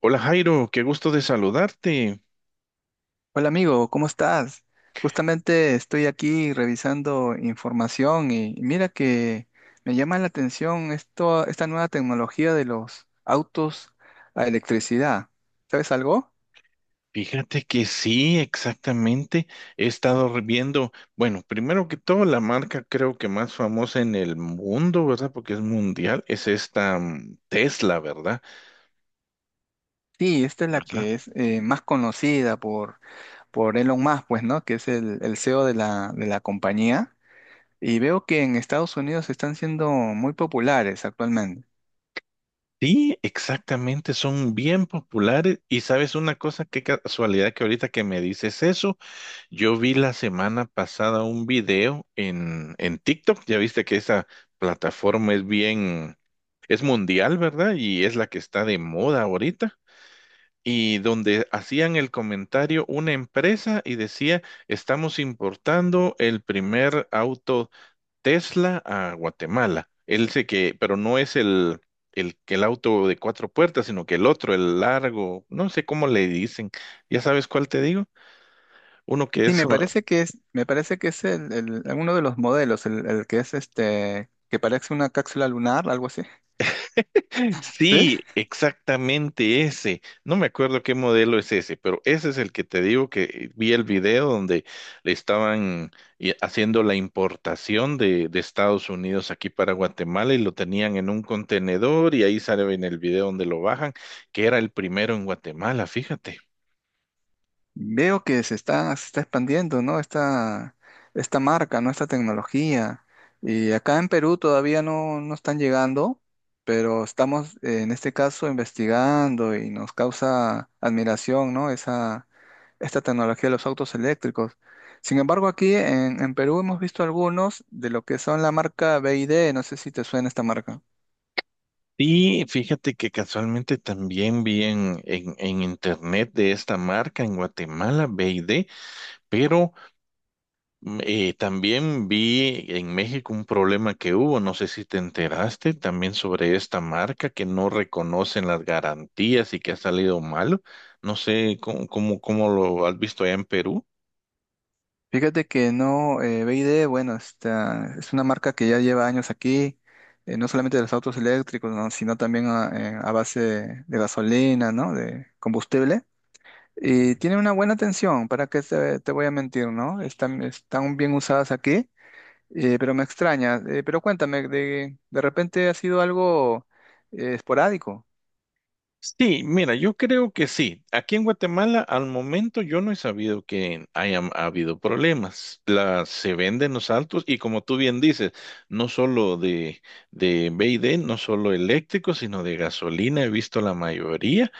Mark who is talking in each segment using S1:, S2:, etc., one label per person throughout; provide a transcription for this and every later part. S1: Hola Jairo, qué gusto de saludarte.
S2: Hola amigo, ¿cómo estás? Justamente estoy aquí revisando información y mira que me llama la atención esto, esta nueva tecnología de los autos a electricidad. ¿Sabes algo?
S1: Fíjate que sí, exactamente. He estado viendo, bueno, primero que todo, la marca creo que más famosa en el mundo, ¿verdad? Porque es mundial, es esta Tesla, ¿verdad?
S2: Sí, esta es la
S1: ¿Verdad?
S2: que es más conocida por Elon Musk, pues, ¿no? Que es el CEO de la compañía. Y veo que en Estados Unidos están siendo muy populares actualmente.
S1: Sí, exactamente, son bien populares. Y sabes una cosa, qué casualidad que ahorita que me dices eso. Yo vi la semana pasada un video en TikTok, ya viste que esa plataforma es bien, es mundial, ¿verdad? Y es la que está de moda ahorita. Y donde hacían el comentario una empresa y decía, estamos importando el primer auto Tesla a Guatemala. Él sé que, pero no es el auto de cuatro puertas, sino que el otro, el largo, no sé cómo le dicen. ¿Ya sabes cuál te digo? Uno que
S2: Sí,
S1: es...
S2: me parece que es uno de los modelos, el que es este, que parece una cápsula lunar, algo así. ¿Sí?
S1: Sí, exactamente ese. No me acuerdo qué modelo es ese, pero ese es el que te digo que vi el video donde le estaban haciendo la importación de Estados Unidos aquí para Guatemala y lo tenían en un contenedor y ahí sale en el video donde lo bajan, que era el primero en Guatemala, fíjate.
S2: Veo que se está expandiendo, ¿no? Esta marca, ¿no? Esta tecnología. Y acá en Perú todavía no están llegando, pero estamos en este caso investigando y nos causa admiración, ¿no? Esa, esta tecnología de los autos eléctricos. Sin embargo, aquí en Perú hemos visto algunos de lo que son la marca BYD. No sé si te suena esta marca.
S1: Sí, fíjate que casualmente también vi en internet de esta marca en Guatemala, BD, pero. Mm. También vi en México un problema que hubo, no sé si te enteraste, también sobre esta marca que no reconocen las garantías y que ha salido malo. No sé cómo lo has visto allá en Perú.
S2: Fíjate que no, BYD, bueno, esta, es una marca que ya lleva años aquí, no solamente de los autos eléctricos, ¿no? Sino también a base de gasolina, ¿no? De combustible. Y tiene una buena atención, ¿para qué te voy a mentir, ¿no? Están, están bien usadas aquí, pero me extraña. Pero cuéntame, de repente ha sido algo esporádico.
S1: Sí, mira, yo creo que sí. Aquí en Guatemala, al momento, yo no he sabido que hayan habido problemas. Las se venden los autos y como tú bien dices, no solo de B y D, no solo eléctricos, sino de gasolina, he visto la mayoría.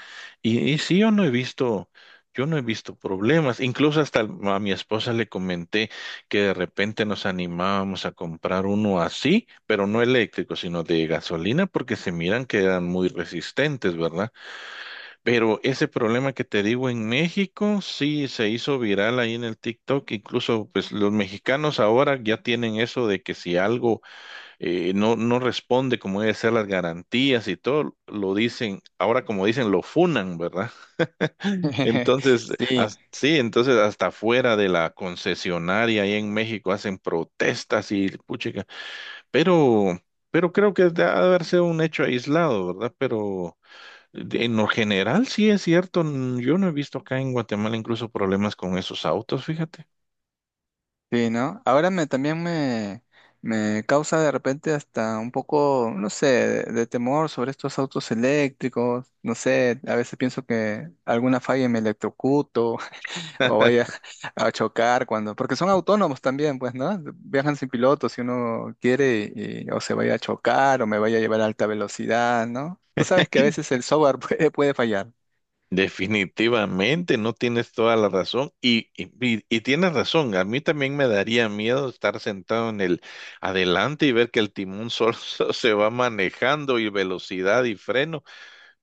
S1: Y sí, yo no he visto, yo no he visto problemas. Incluso hasta a mi esposa le comenté que de repente nos animábamos a comprar uno así, pero no eléctrico, sino de gasolina, porque se miran que eran muy resistentes, ¿verdad? Pero ese problema que te digo en México, sí se hizo viral ahí en el TikTok. Incluso, pues los mexicanos ahora ya tienen eso de que si algo no responde como debe ser las garantías y todo, lo dicen, ahora como dicen, lo funan, ¿verdad? Entonces,
S2: Sí,
S1: sí, entonces hasta fuera de la concesionaria ahí en México hacen protestas y puchica. Pero, pero creo que ha de haber sido un hecho aislado, ¿verdad? Pero en lo general, sí es cierto. Yo no he visto acá en Guatemala incluso problemas con esos autos, fíjate.
S2: sí, ¿no? Ahora me causa de repente hasta un poco, no sé, de temor sobre estos autos eléctricos. No sé, a veces pienso que alguna falla y me electrocuto o vaya a chocar cuando, porque son autónomos también, pues, ¿no? Viajan sin piloto si uno quiere o se vaya a chocar o me vaya a llevar a alta velocidad, ¿no? Tú sabes que a veces el software puede fallar.
S1: Definitivamente, no tienes toda la razón. Y tienes razón, a mí también me daría miedo estar sentado en el adelante y ver que el timón solo se va manejando y velocidad y freno.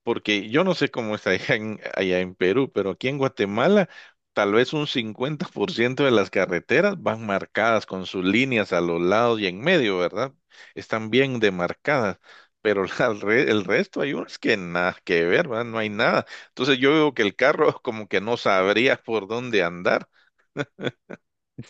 S1: Porque yo no sé cómo está allá en Perú, pero aquí en Guatemala tal vez un 50% de las carreteras van marcadas con sus líneas a los lados y en medio, ¿verdad? Están bien demarcadas, pero la el resto hay unas que nada que ver, ¿verdad? No hay nada. Entonces yo veo que el carro como que no sabría por dónde andar.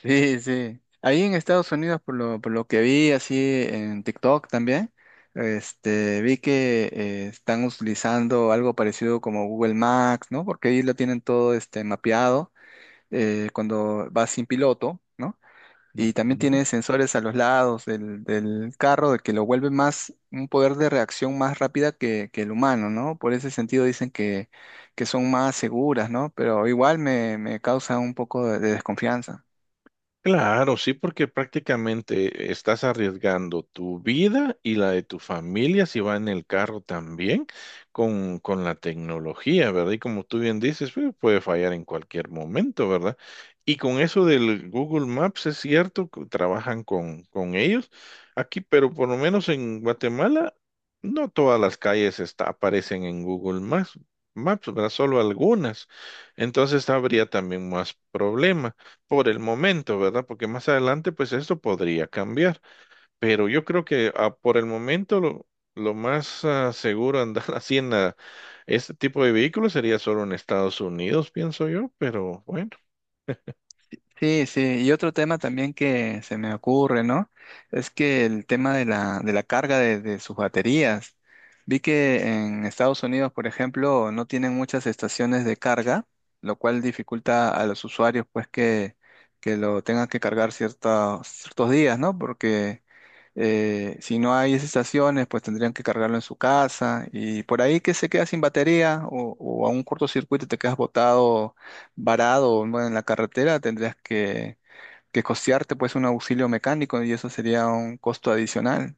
S2: Sí, sí. Ahí en Estados Unidos, por lo que vi así en TikTok también, este, vi que están utilizando algo parecido como Google Maps, ¿no? Porque ahí lo tienen todo este, mapeado cuando vas sin piloto, ¿no? Y también
S1: Ujú.
S2: tiene sensores a los lados del carro de que lo vuelve más, un poder de reacción más rápida que el humano, ¿no? Por ese sentido dicen que son más seguras, ¿no? Pero igual me causa un poco de desconfianza.
S1: Claro, sí, porque prácticamente estás arriesgando tu vida y la de tu familia si va en el carro también con la tecnología, ¿verdad? Y como tú bien dices, pues, puede fallar en cualquier momento, ¿verdad? Y con eso del Google Maps, es cierto, que trabajan con ellos aquí, pero por lo menos en Guatemala, no todas las calles está, aparecen en Google Maps, Maps, ¿verdad? Solo algunas. Entonces habría también más problemas por el momento, ¿verdad? Porque más adelante, pues esto podría cambiar. Pero yo creo que por el momento lo más seguro andar así haciendo este tipo de vehículos sería solo en Estados Unidos, pienso yo, pero bueno.
S2: Sí, sí, y otro tema también que se me ocurre, ¿no? Es que el tema de la carga de sus baterías. Vi que en Estados Unidos, por ejemplo, no tienen muchas estaciones de carga, lo cual dificulta a los usuarios pues que lo tengan que cargar ciertos, ciertos días, ¿no? Porque si no hay esas estaciones, pues tendrían que cargarlo en su casa y por ahí que se queda sin batería o a un cortocircuito te quedas botado, varado, ¿no? En la carretera, tendrías que costearte pues un auxilio mecánico y eso sería un costo adicional.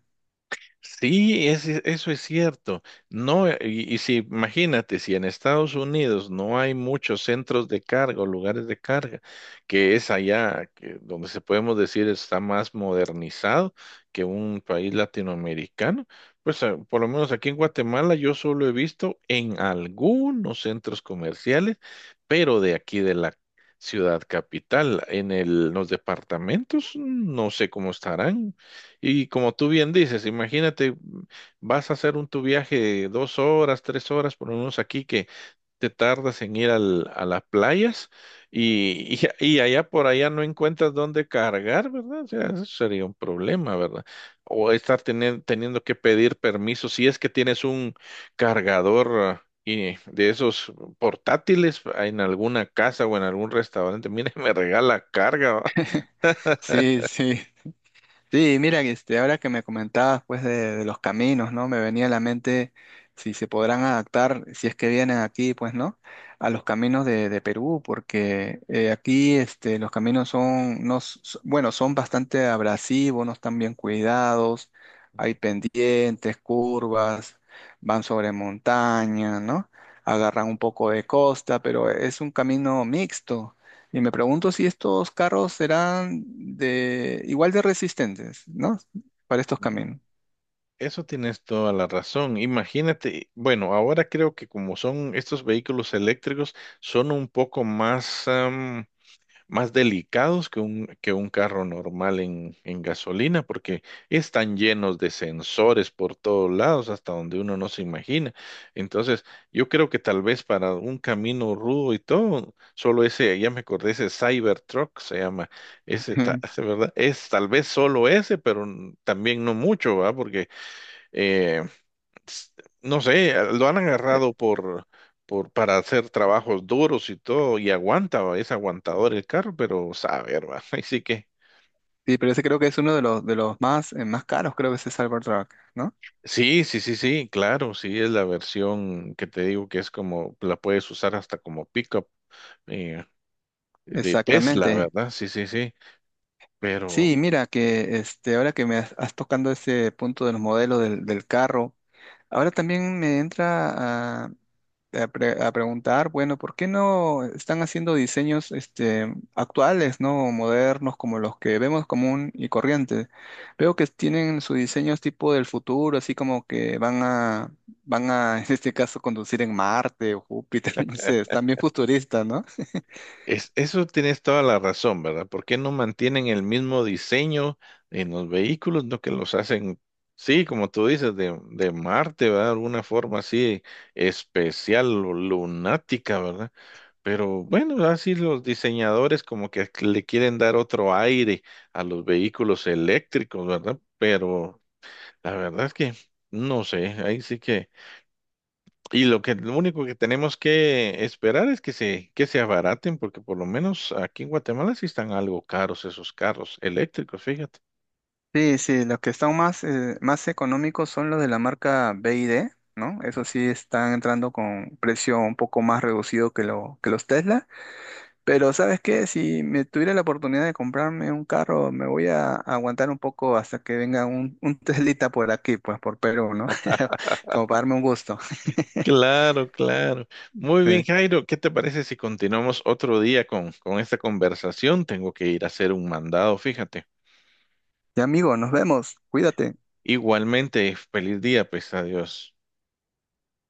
S1: Sí, eso es cierto. No, y si imagínate, si en Estados Unidos no hay muchos centros de carga o lugares de carga, que es allá que, donde se podemos decir está más modernizado que un país latinoamericano, pues por lo menos aquí en Guatemala yo solo he visto en algunos centros comerciales, pero de aquí de la ciudad capital, en los departamentos, no sé cómo estarán. Y como tú bien dices, imagínate, vas a hacer un tu viaje de dos horas, tres horas, por lo menos aquí que te tardas en ir a las playas y, y allá por allá no encuentras dónde cargar, ¿verdad? O sea, eso sería un problema, ¿verdad? O estar teniendo que pedir permiso si es que tienes un cargador y de esos portátiles en alguna casa o en algún restaurante. Mire, me regala carga, ¿va?
S2: Sí, sí. Sí, mira, este, ahora que me comentabas pues de los caminos, ¿no? Me venía a la mente si se podrán adaptar, si es que vienen aquí, pues, ¿no? A los caminos de Perú, porque aquí este, los caminos son, no, bueno, son bastante abrasivos, no están bien cuidados, hay pendientes, curvas, van sobre montaña, ¿no? Agarran un poco de costa, pero es un camino mixto. Y me pregunto si estos carros serán de igual de resistentes, ¿no? Para estos
S1: Ujú.
S2: caminos.
S1: Eso tienes toda la razón. Imagínate, bueno, ahora creo que como son estos vehículos eléctricos, son un poco más, más delicados que que un carro normal en gasolina, porque están llenos de sensores por todos lados, hasta donde uno no se imagina. Entonces, yo creo que tal vez para un camino rudo y todo, solo ese, ya me acordé, ese Cybertruck se llama, ese, ese, ¿verdad? Es tal vez solo ese, pero también no mucho, ¿va? Porque eh, s- no sé, lo han
S2: Eh,
S1: agarrado para hacer trabajos duros y todo, y aguanta, va, es aguantador el carro, pero sabe, hermano, así que,
S2: sí, pero ese creo que es uno de los más, más caros, creo que es el Cybertruck, ¿no?
S1: sí, sí, sí, sí, claro, sí, es la versión que te digo que es como, la puedes usar hasta como pickup eh, de Tesla,
S2: Exactamente.
S1: ¿verdad? Sí, sí, sí, pero.
S2: Sí, mira que este, ahora que me has tocando ese punto de los modelos del carro, ahora también me entra a preguntar, bueno, ¿por qué no están haciendo diseños este, actuales, ¿no? Modernos, como los que vemos común y corriente? Veo que tienen sus diseños tipo del futuro, así como que van a en este caso, conducir en Marte o Júpiter, no sé, están bien futuristas, ¿no?
S1: Eso tienes toda la razón, ¿verdad? ¿Por qué no mantienen el mismo diseño en los vehículos, no que los hacen, sí, como tú dices, de Marte, ¿verdad? De alguna forma así especial o lunática, ¿verdad? Pero bueno, así los diseñadores como que le quieren dar otro aire a los vehículos eléctricos, ¿verdad? Pero la verdad es que no sé, ahí sí que... Y lo único que tenemos que esperar es que que se abaraten, porque por lo menos aquí en Guatemala sí están algo caros esos carros eléctricos, fíjate.
S2: Sí, sí, los que están más, más económicos son los de la marca B y D ¿no? Eso sí están entrando con precio un poco más reducido que, lo, que los Tesla. Pero ¿sabes qué? Si me tuviera la oportunidad de comprarme un carro, me voy a aguantar un poco hasta que venga un Teslita por aquí, pues por Perú, ¿no? Como para darme un gusto.
S1: Claro, claro. Muy bien,
S2: Sí.
S1: Jairo, ¿qué te parece si continuamos otro día con esta conversación? Tengo que ir a hacer un mandado, fíjate.
S2: Ya amigo, nos vemos. Cuídate.
S1: Igualmente, feliz día, pues adiós.